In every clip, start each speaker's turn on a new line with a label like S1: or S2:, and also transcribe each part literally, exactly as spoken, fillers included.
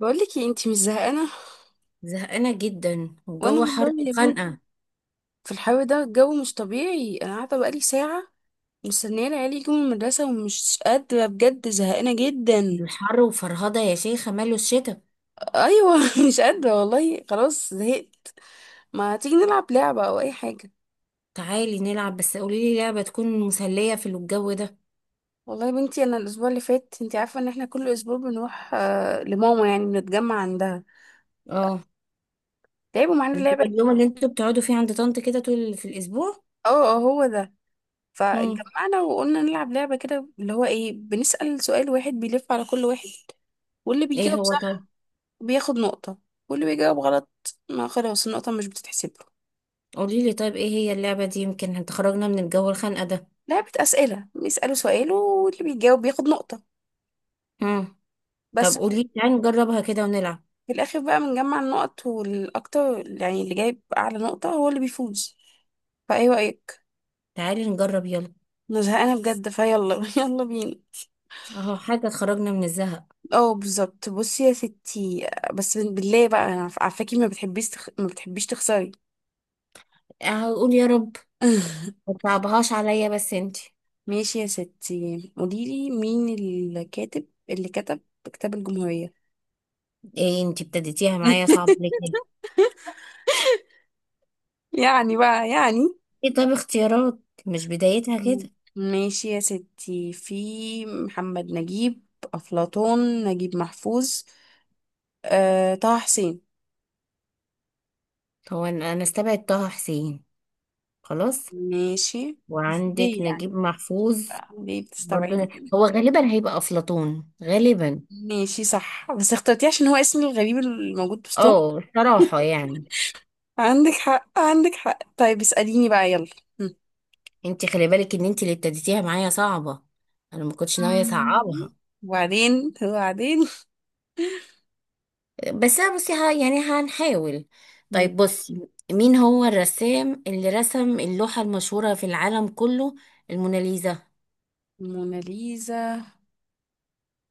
S1: بقولك ايه؟ انتي مش زهقانه؟
S2: زهقانة جدا
S1: وانا
S2: والجو حر
S1: والله يا بنت،
S2: وخانقة.
S1: في الحر ده الجو مش طبيعي. انا قاعده بقالي ساعه مستنيه العيال يجوا من المدرسه، ومش قادره بجد، زهقانه
S2: من
S1: جدا.
S2: الحر وفرهدة يا شيخة، ماله الشتا.
S1: ايوه مش قادره والله، خلاص زهقت. ما تيجي نلعب لعبه او اي حاجه؟
S2: تعالي نلعب، بس قوليلي لعبة تكون مسلية في الجو ده.
S1: والله يا بنتي، انا الاسبوع اللي فات، انتي عارفه ان احنا كل اسبوع بنروح آه، لماما، يعني بنتجمع عندها،
S2: اه.
S1: لعبوا معانا
S2: اللي هو
S1: لعبه.
S2: اليوم اللي انتوا بتقعدوا فيه عند طنط كده طول في الأسبوع؟
S1: اه اه هو ده.
S2: مم.
S1: فاتجمعنا وقلنا نلعب لعبة كده، اللي هو ايه، بنسأل سؤال واحد بيلف على كل واحد، واللي
S2: ايه
S1: بيجاوب
S2: هو؟ طيب.
S1: صح بياخد نقطة، واللي بيجاوب غلط ما خلاص النقطة مش بتتحسب له.
S2: قوليلي طيب، ايه هي اللعبة دي؟ يمكن هتخرجنا من الجو الخانقة ده.
S1: لعبة أسئلة، بيسألوا سؤال واللي بيجاوب بياخد نقطة،
S2: مم. طب
S1: بس في
S2: قوليلي، تعالي نجربها كده ونلعب.
S1: في الآخر بقى بنجمع النقط، والأكتر يعني اللي جايب أعلى نقطة هو اللي بيفوز. فأيه رأيك؟
S2: تعالي نجرب يلا.
S1: أنا زهقانة بجد، فيلا يلا بينا.
S2: اهو حاجة تخرجنا من الزهق.
S1: اه بالظبط، بصي يا ستي، بس بالله بقى، أنا عارفاكي ما بتحبيش تخ... ما بتحبيش تخسري
S2: اهو قول يا رب. ما تصعبهاش عليا بس انتي.
S1: ماشي يا ستي، قوليلي مين الكاتب اللي كتب كتاب الجمهورية.
S2: ايه، انتي ابتديتيها معايا صعب ليه كده؟
S1: يعني بقى يعني.
S2: ايه؟ طب اختيارات. مش بدايتها
S1: مم.
S2: كده.
S1: ماشي يا ستي، في محمد نجيب، أفلاطون، نجيب محفوظ، أه، طه حسين.
S2: هو انا أنا استبعد طه حسين. خلاص.
S1: ماشي، بس
S2: وعندك
S1: ليه
S2: نجيب
S1: يعني
S2: محفوظ.
S1: بقى؟ ليه
S2: برضو.
S1: بتستبعدي كده؟
S2: هو غالبا هيبقى افلاطون غالبا.
S1: ماشي صح، بس اخترتيه عشان هو اسمي الغريب الموجود بوسطهم.
S2: اه صراحة يعني.
S1: عندك حق عندك حق، طيب اسأليني بقى يلا. هم.
S2: انت خلي بالك ان انت اللي ابتديتيها معايا صعبة. انا ما كنتش ناوية
S1: مم.
S2: اصعبها.
S1: وبعدين وبعدين.
S2: بس أنا بصي، ها يعني هنحاول. طيب بصي، مين هو الرسام اللي رسم اللوحة المشهورة في العالم كله؟ الموناليزا.
S1: موناليزا،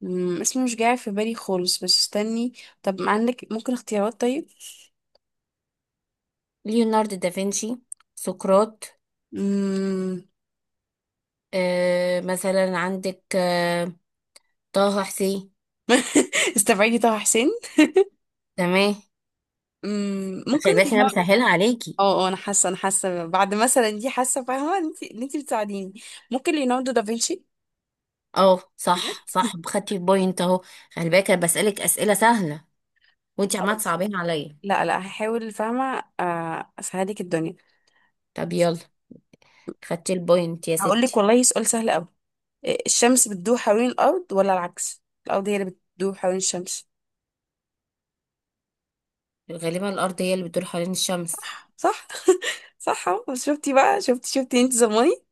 S1: مم، اسمه مش جاي في بالي خالص، بس استني. طب عندك ممكن اختيارات طيب؟
S2: ليوناردو دافنشي. سقراط.
S1: مم.
S2: آه مثلا عندك، آه طه حسين.
S1: استبعدي طه حسين.
S2: تمام.
S1: مم، ممكن
S2: خلي بالك انا
S1: ليوناردو.
S2: بسهلها عليكي.
S1: اه اه، انا حاسه انا حاسه بعد مثلا دي، حاسه فاهمه انت ان انت بتساعديني. ممكن ليوناردو دافنشي.
S2: اه
S1: بجد.
S2: صح، صح، خدتي البوينت اهو. خلي بالك انا بسألك أسئلة سهلة، وانت عمالة
S1: خلاص،
S2: تصعبين عليا.
S1: لا لا هحاول، فاهمه، آه، اسهلك الدنيا.
S2: طب يلا. خدتي البوينت يا
S1: هقول لك
S2: ستي.
S1: والله سؤال سهل قوي. الشمس بتدور حوالين الارض ولا العكس، الارض هي اللي بتدور حوالين الشمس؟
S2: غالبا الأرض هي اللي بتدور حوالين الشمس.
S1: صح. صح اهو، بس شفتي بقى، شفتي شفتي انت زماني.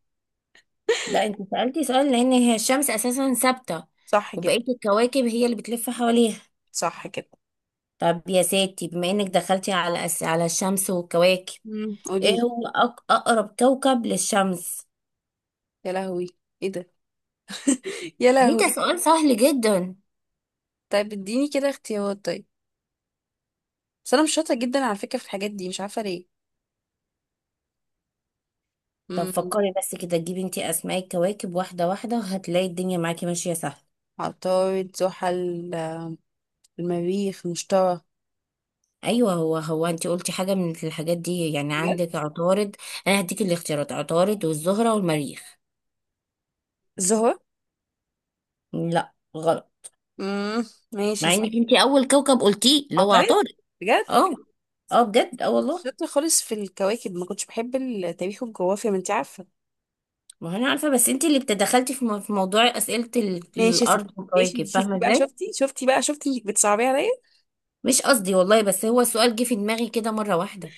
S2: لا، انت سألتي سؤال لأن هي الشمس أساسا ثابتة.
S1: صح كده.
S2: وبقية الكواكب هي اللي بتلف حواليها.
S1: صح كده.
S2: طب يا ستي، بما انك دخلتي على أس... على الشمس والكواكب،
S1: امم
S2: ايه
S1: قولي.
S2: هو أق... أقرب كوكب للشمس؟
S1: يا لهوي، ايه ده؟ يا
S2: ليه؟ ده
S1: لهوي.
S2: سؤال سهل جدا.
S1: طيب اديني كده اختيارات طيب، بس انا مش شاطره جدا على فكره في الحاجات دي، مش عارفه ليه.
S2: طب
S1: امم.
S2: فكري بس كده، تجيبي انت اسماء الكواكب واحده واحده هتلاقي الدنيا معاكي ماشيه سهل.
S1: عطارد، زحل، المريخ، المشتري.
S2: ايوه، هو هو انت قلتي حاجه من الحاجات دي، يعني
S1: بجد.
S2: عندك عطارد. انا هديك الاختيارات، عطارد والزهره والمريخ.
S1: الزهرة.
S2: لا، غلط.
S1: امم. ماشي يا
S2: مع
S1: ستي.
S2: انك انت اول كوكب قلتيه اللي هو
S1: عطارد.
S2: عطارد.
S1: بجد.
S2: اه. اه بجد، اه
S1: مش
S2: والله.
S1: شاطره خالص في الكواكب، ما كنتش بحب التاريخ والجغرافيا، ما انت عارفه.
S2: ما هو انا عارفه، بس انت اللي بتدخلتي في مو- في موضوع اسئله ال-
S1: ماشي يا ستي.
S2: الارض والكواكب،
S1: ماشي،
S2: فاهمه
S1: شفتي بقى،
S2: ازاي.
S1: شفتي شفتي بقى شفتي انك بتصعبي عليا.
S2: مش قصدي والله، بس هو السؤال جه في دماغي كده مره واحده.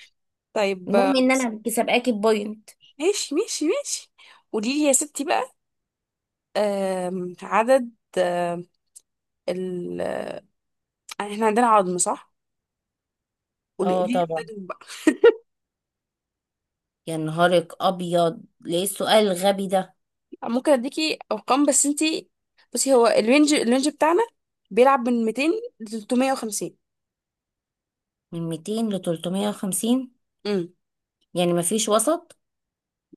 S1: طيب آه،
S2: المهم ان
S1: بصي.
S2: انا كسبقاكي بوينت.
S1: ماشي ماشي ماشي، قولي لي يا ستي بقى. آم، عدد، آم، ال، احنا عندنا عظم صح؟ قولي
S2: اه
S1: لي
S2: طبعا.
S1: عددهم بقى.
S2: يا نهارك ابيض، ليه السؤال الغبي ده؟
S1: ممكن اديكي ارقام بس انتي، بصي هو الرينج الرينج بتاعنا بيلعب من ميتين ل ثلاثمائة وخمسين.
S2: من ميتين ل ثلاثمائة وخمسين.
S1: امم.
S2: يعني ما فيش وسط؟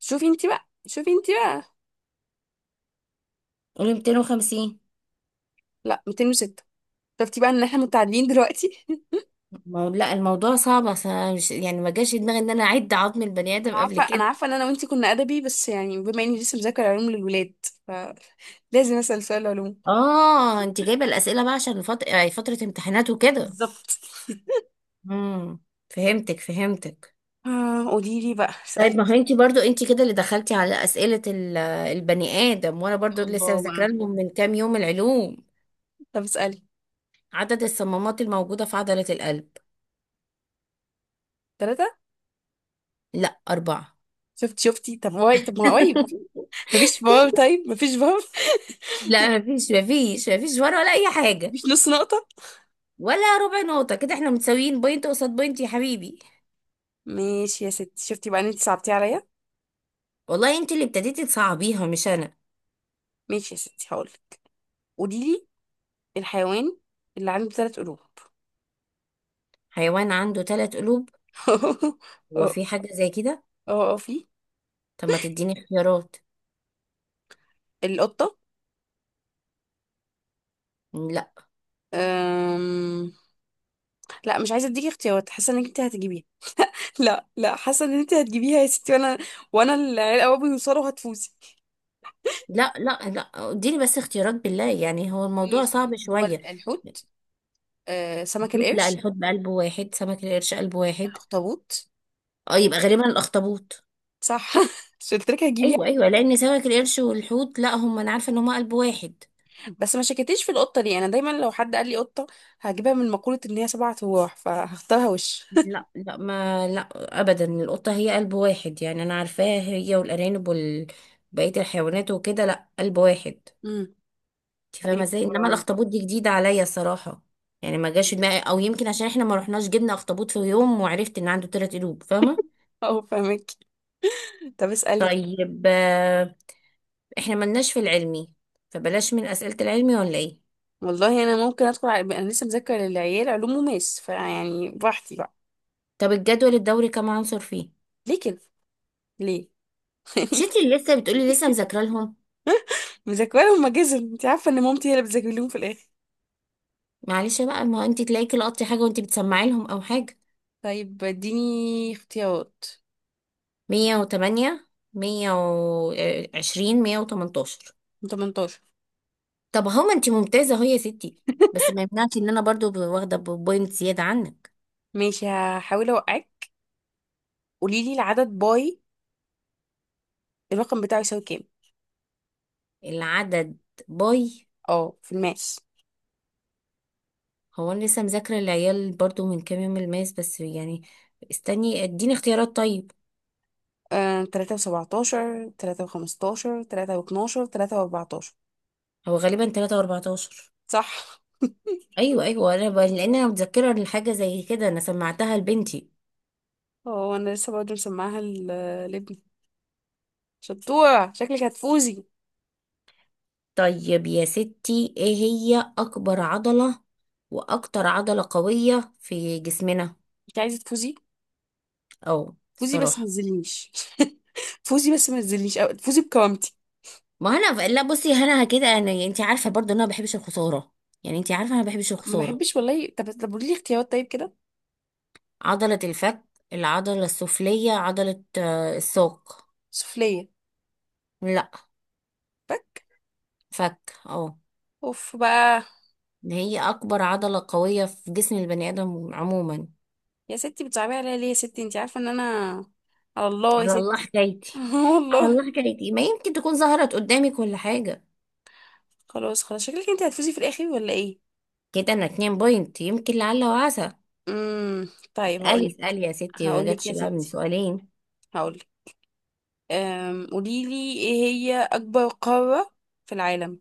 S1: شوفي انتي بقى شوفي انتي بقى.
S2: قولي ميتين وخمسين.
S1: لا، ميتين وستة. شفتي بقى ان احنا متعادلين دلوقتي.
S2: ما هو- لا، الموضوع صعب، أصل أنا مش يعني ما جاش في دماغي ان انا اعد عظم البني ادم
S1: انا
S2: قبل
S1: عارفه انا
S2: كده.
S1: عارفه ان انا وانتي كنا ادبي، بس يعني بما اني لسه مذاكره علوم للولاد، فلازم اسال سؤال علوم.
S2: اه، انت جايبه الاسئله بقى عشان فت... يعني فتره امتحانات وكده.
S1: بالظبط.
S2: امم فهمتك فهمتك.
S1: آه، قولي لي بقى.
S2: طيب ما هو انت برضو انت كده اللي دخلتي على اسئله ال- البني ادم، وانا برضو لسه
S1: الله،
S2: ذاكره لهم من كام يوم العلوم.
S1: طب اسألي.
S2: عدد الصمامات الموجوده في عضله القلب.
S1: ثلاثة.
S2: لا، أربعة.
S1: شفت، شفتي؟ طب واي، طب ما قريب. مفيش فار، طيب مفيش فار
S2: لا مفيش مفيش مفيش ورا ولا اي حاجه.
S1: مفيش نص نقطة.
S2: ولا ربع نقطه، كده احنا متساويين بوينت قصاد بوينت يا حبيبي.
S1: ماشي يا ستي، شفتي بقى ان انت صعبتيه عليا.
S2: والله انت اللي ابتديتي تصعبيها مش انا.
S1: ماشي يا ستي، هقولك. قولي لي الحيوان اللي عنده ثلاث قلوب.
S2: حيوان عنده ثلاث قلوب؟ هو
S1: اه،
S2: في حاجه زي كده.
S1: اه اه في.
S2: طب ما تديني اختيارات.
S1: القطة.
S2: لا
S1: أم... لا مش عايزة اديكي اختيارات، حاسة انك انت هتجيبيها. لا لا، حاسة ان انت هتجيبيها يا ستي، وانا، وانا العيال قوي بيوصلوا، هتفوزي.
S2: لا لا لا، اديني بس اختيارات بالله، يعني هو الموضوع
S1: ماشي.
S2: صعب
S1: هو
S2: شويه.
S1: ال- الحوت، آه، سمك
S2: دوت، لا
S1: القرش،
S2: الحوت بقلبه واحد، سمك القرش قلبه واحد.
S1: الاخطبوط.
S2: اه، يبقى غالبا الاخطبوط.
S1: صح. مش قلت لك هجيبيها؟
S2: ايوه ايوه، لان سمك القرش والحوت لا، هم انا عارفه ان هم قلب واحد.
S1: بس ما شكيتيش في القطه دي، انا دايما لو حد قال لي قطه هجيبها، من مقوله ان هي سبع ارواح، فهختارها وش.
S2: لا لا، ما لا. ابدا، القطه هي قلب واحد، يعني انا عارفاها هي والارانب وال بقيه الحيوانات وكده، لا قلب واحد.
S1: امم.
S2: انت فاهمه
S1: طيب
S2: ازاي؟ انما
S1: أم،
S2: الاخطبوط دي جديده عليا صراحه. يعني ما جاش في دماغي، او يمكن عشان احنا ما رحناش جبنا اخطبوط في يوم وعرفت ان عنده ثلاث قلوب، فاهمه.
S1: اه فاهمك. طب اسالي طب.
S2: طيب، آه، احنا ملناش في العلمي، فبلاش من اسئله العلمي ولا ايه؟
S1: والله انا ممكن ادخل على... انا لسه مذاكره للعيال علوم وماس، فيعني براحتي بقى.
S2: طب الجدول الدوري كم عنصر فيه؟
S1: ليه كده؟ ليه؟
S2: مش انت اللي لسه بتقولي لسه مذاكره لهم؟
S1: مذاكره لهم ماجزة، انت عارفه ان مامتي هي اللي بتذاكر لهم في الاخر.
S2: معلش بقى، ما انت تلاقيكي لقطتي حاجه وانت بتسمعي لهم او حاجه.
S1: طيب اديني اختيارات.
S2: مية وتمانية، مية وعشرين، مية وتمنتاشر.
S1: تمنتاشر.
S2: طب هما انت ممتازة اهو يا ستي، بس ما يمنعش ان انا برضو ب- واخدة بوينت زيادة عنك.
S1: ماشي هحاول اوقعك. قولي لي العدد باي، الرقم بتاعه يساوي كام؟
S2: العدد باي.
S1: اه في الماس.
S2: هو انا لسه مذاكرة العيال برضو من كام يوم الماس، بس يعني استني اديني اختيارات طيب.
S1: آه، تلاتة وسبعتاشر، تلاتة وخمستاشر، تلاتة واتناشر، تلاتة واربعتاشر.
S2: هو غالبا تلاتة واربعتاشر.
S1: صح.
S2: ايوه ايوه، انا ب... لان انا متذكرة الحاجة زي كده، انا سمعتها لبنتي.
S1: هو أنا لسه برضه مسمعها ل- لابني. شطورة، شكلك هتفوزي.
S2: طيب يا ستي، ايه هي اكبر عضلة واكتر عضلة قوية في جسمنا؟
S1: انت عايزة تفوزي؟
S2: اه
S1: فوزي بس ما
S2: الصراحه.
S1: تزلنيش. فوزي بس ما تزلنيش، أو فوزي بكرامتي.
S2: ما انا ف- لا بصي، انا كده انا يعني، انت عارفه برضو ان انا ما بحبش الخساره، يعني انت عارفه انا ما بحبش
S1: ما
S2: الخساره.
S1: بحبش والله. طب طب قولي لي اختيارات طيب كده.
S2: عضله الفك، العضله السفليه، عضله آه، الساق.
S1: سفلية.
S2: لا.
S1: بك.
S2: فك اه.
S1: اوف بقى.
S2: ده هي اكبر عضله قويه في جسم البني ادم عموما.
S1: يا ستي بتصعبي عليا ليه؟ يا ستي انت عارفة ان انا، على الله يا
S2: على الله
S1: ستي.
S2: حكايتي. على
S1: والله.
S2: الله حكايتي، ما يمكن تكون ظهرت قدامك ولا حاجه.
S1: خلاص خلاص، شكلك انت هتفوزي في الاخر ولا ايه؟
S2: كده انا اتنين بوينت، يمكن لعل وعسى.
S1: امم. طيب
S2: اسالي
S1: هقولك.
S2: اسالي يا ستي، ما
S1: هقولك
S2: جاتش
S1: يا
S2: بقى من
S1: ستي،
S2: سؤالين.
S1: هقولك. أم... قوليلي ايه هي اكبر قارة في العالم؟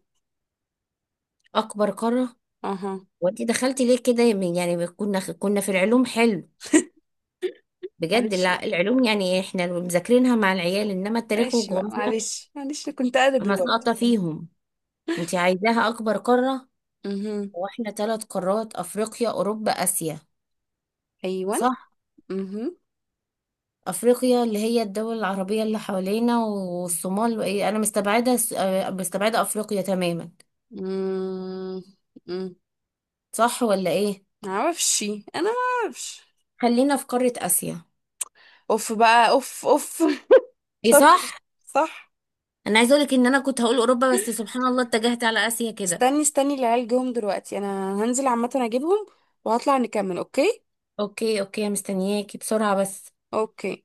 S2: اكبر قاره.
S1: اها.
S2: وانت دخلتي ليه كده من- يعني كنا كنا في العلوم حلو. بجد
S1: معلش،
S2: لا، العلوم يعني احنا اللي مذاكرينها مع العيال، انما التاريخ
S1: معلش بقى
S2: والجغرافيا
S1: معلش معلش، أنا كنت ادبي
S2: انا
S1: برضه.
S2: ساقطه فيهم. انت عايزاها اكبر قاره.
S1: اها.
S2: واحنا ثلاث قارات، افريقيا اوروبا اسيا.
S1: ايوه، اها.
S2: صح.
S1: امم.
S2: افريقيا اللي هي الدول العربيه اللي حوالينا والصومال وايه، انا مستبعده س- آه، مستبعده افريقيا تماما.
S1: أمم.
S2: صح ولا ايه؟
S1: معرفش. انا ما اعرفش.
S2: خلينا في قاره اسيا.
S1: اوف بقى، اوف اوف.
S2: ايه
S1: شاطر.
S2: صح.
S1: صح.
S2: انا عايزه اقولك ان انا كنت هقول اوروبا، بس سبحان الله اتجهت على اسيا كده.
S1: استني، استني العيال جم دلوقتي، انا هنزل عامه اجيبهم وهطلع نكمل، اوكي؟
S2: اوكي اوكي، مستنياكي بسرعة بس.
S1: اوكي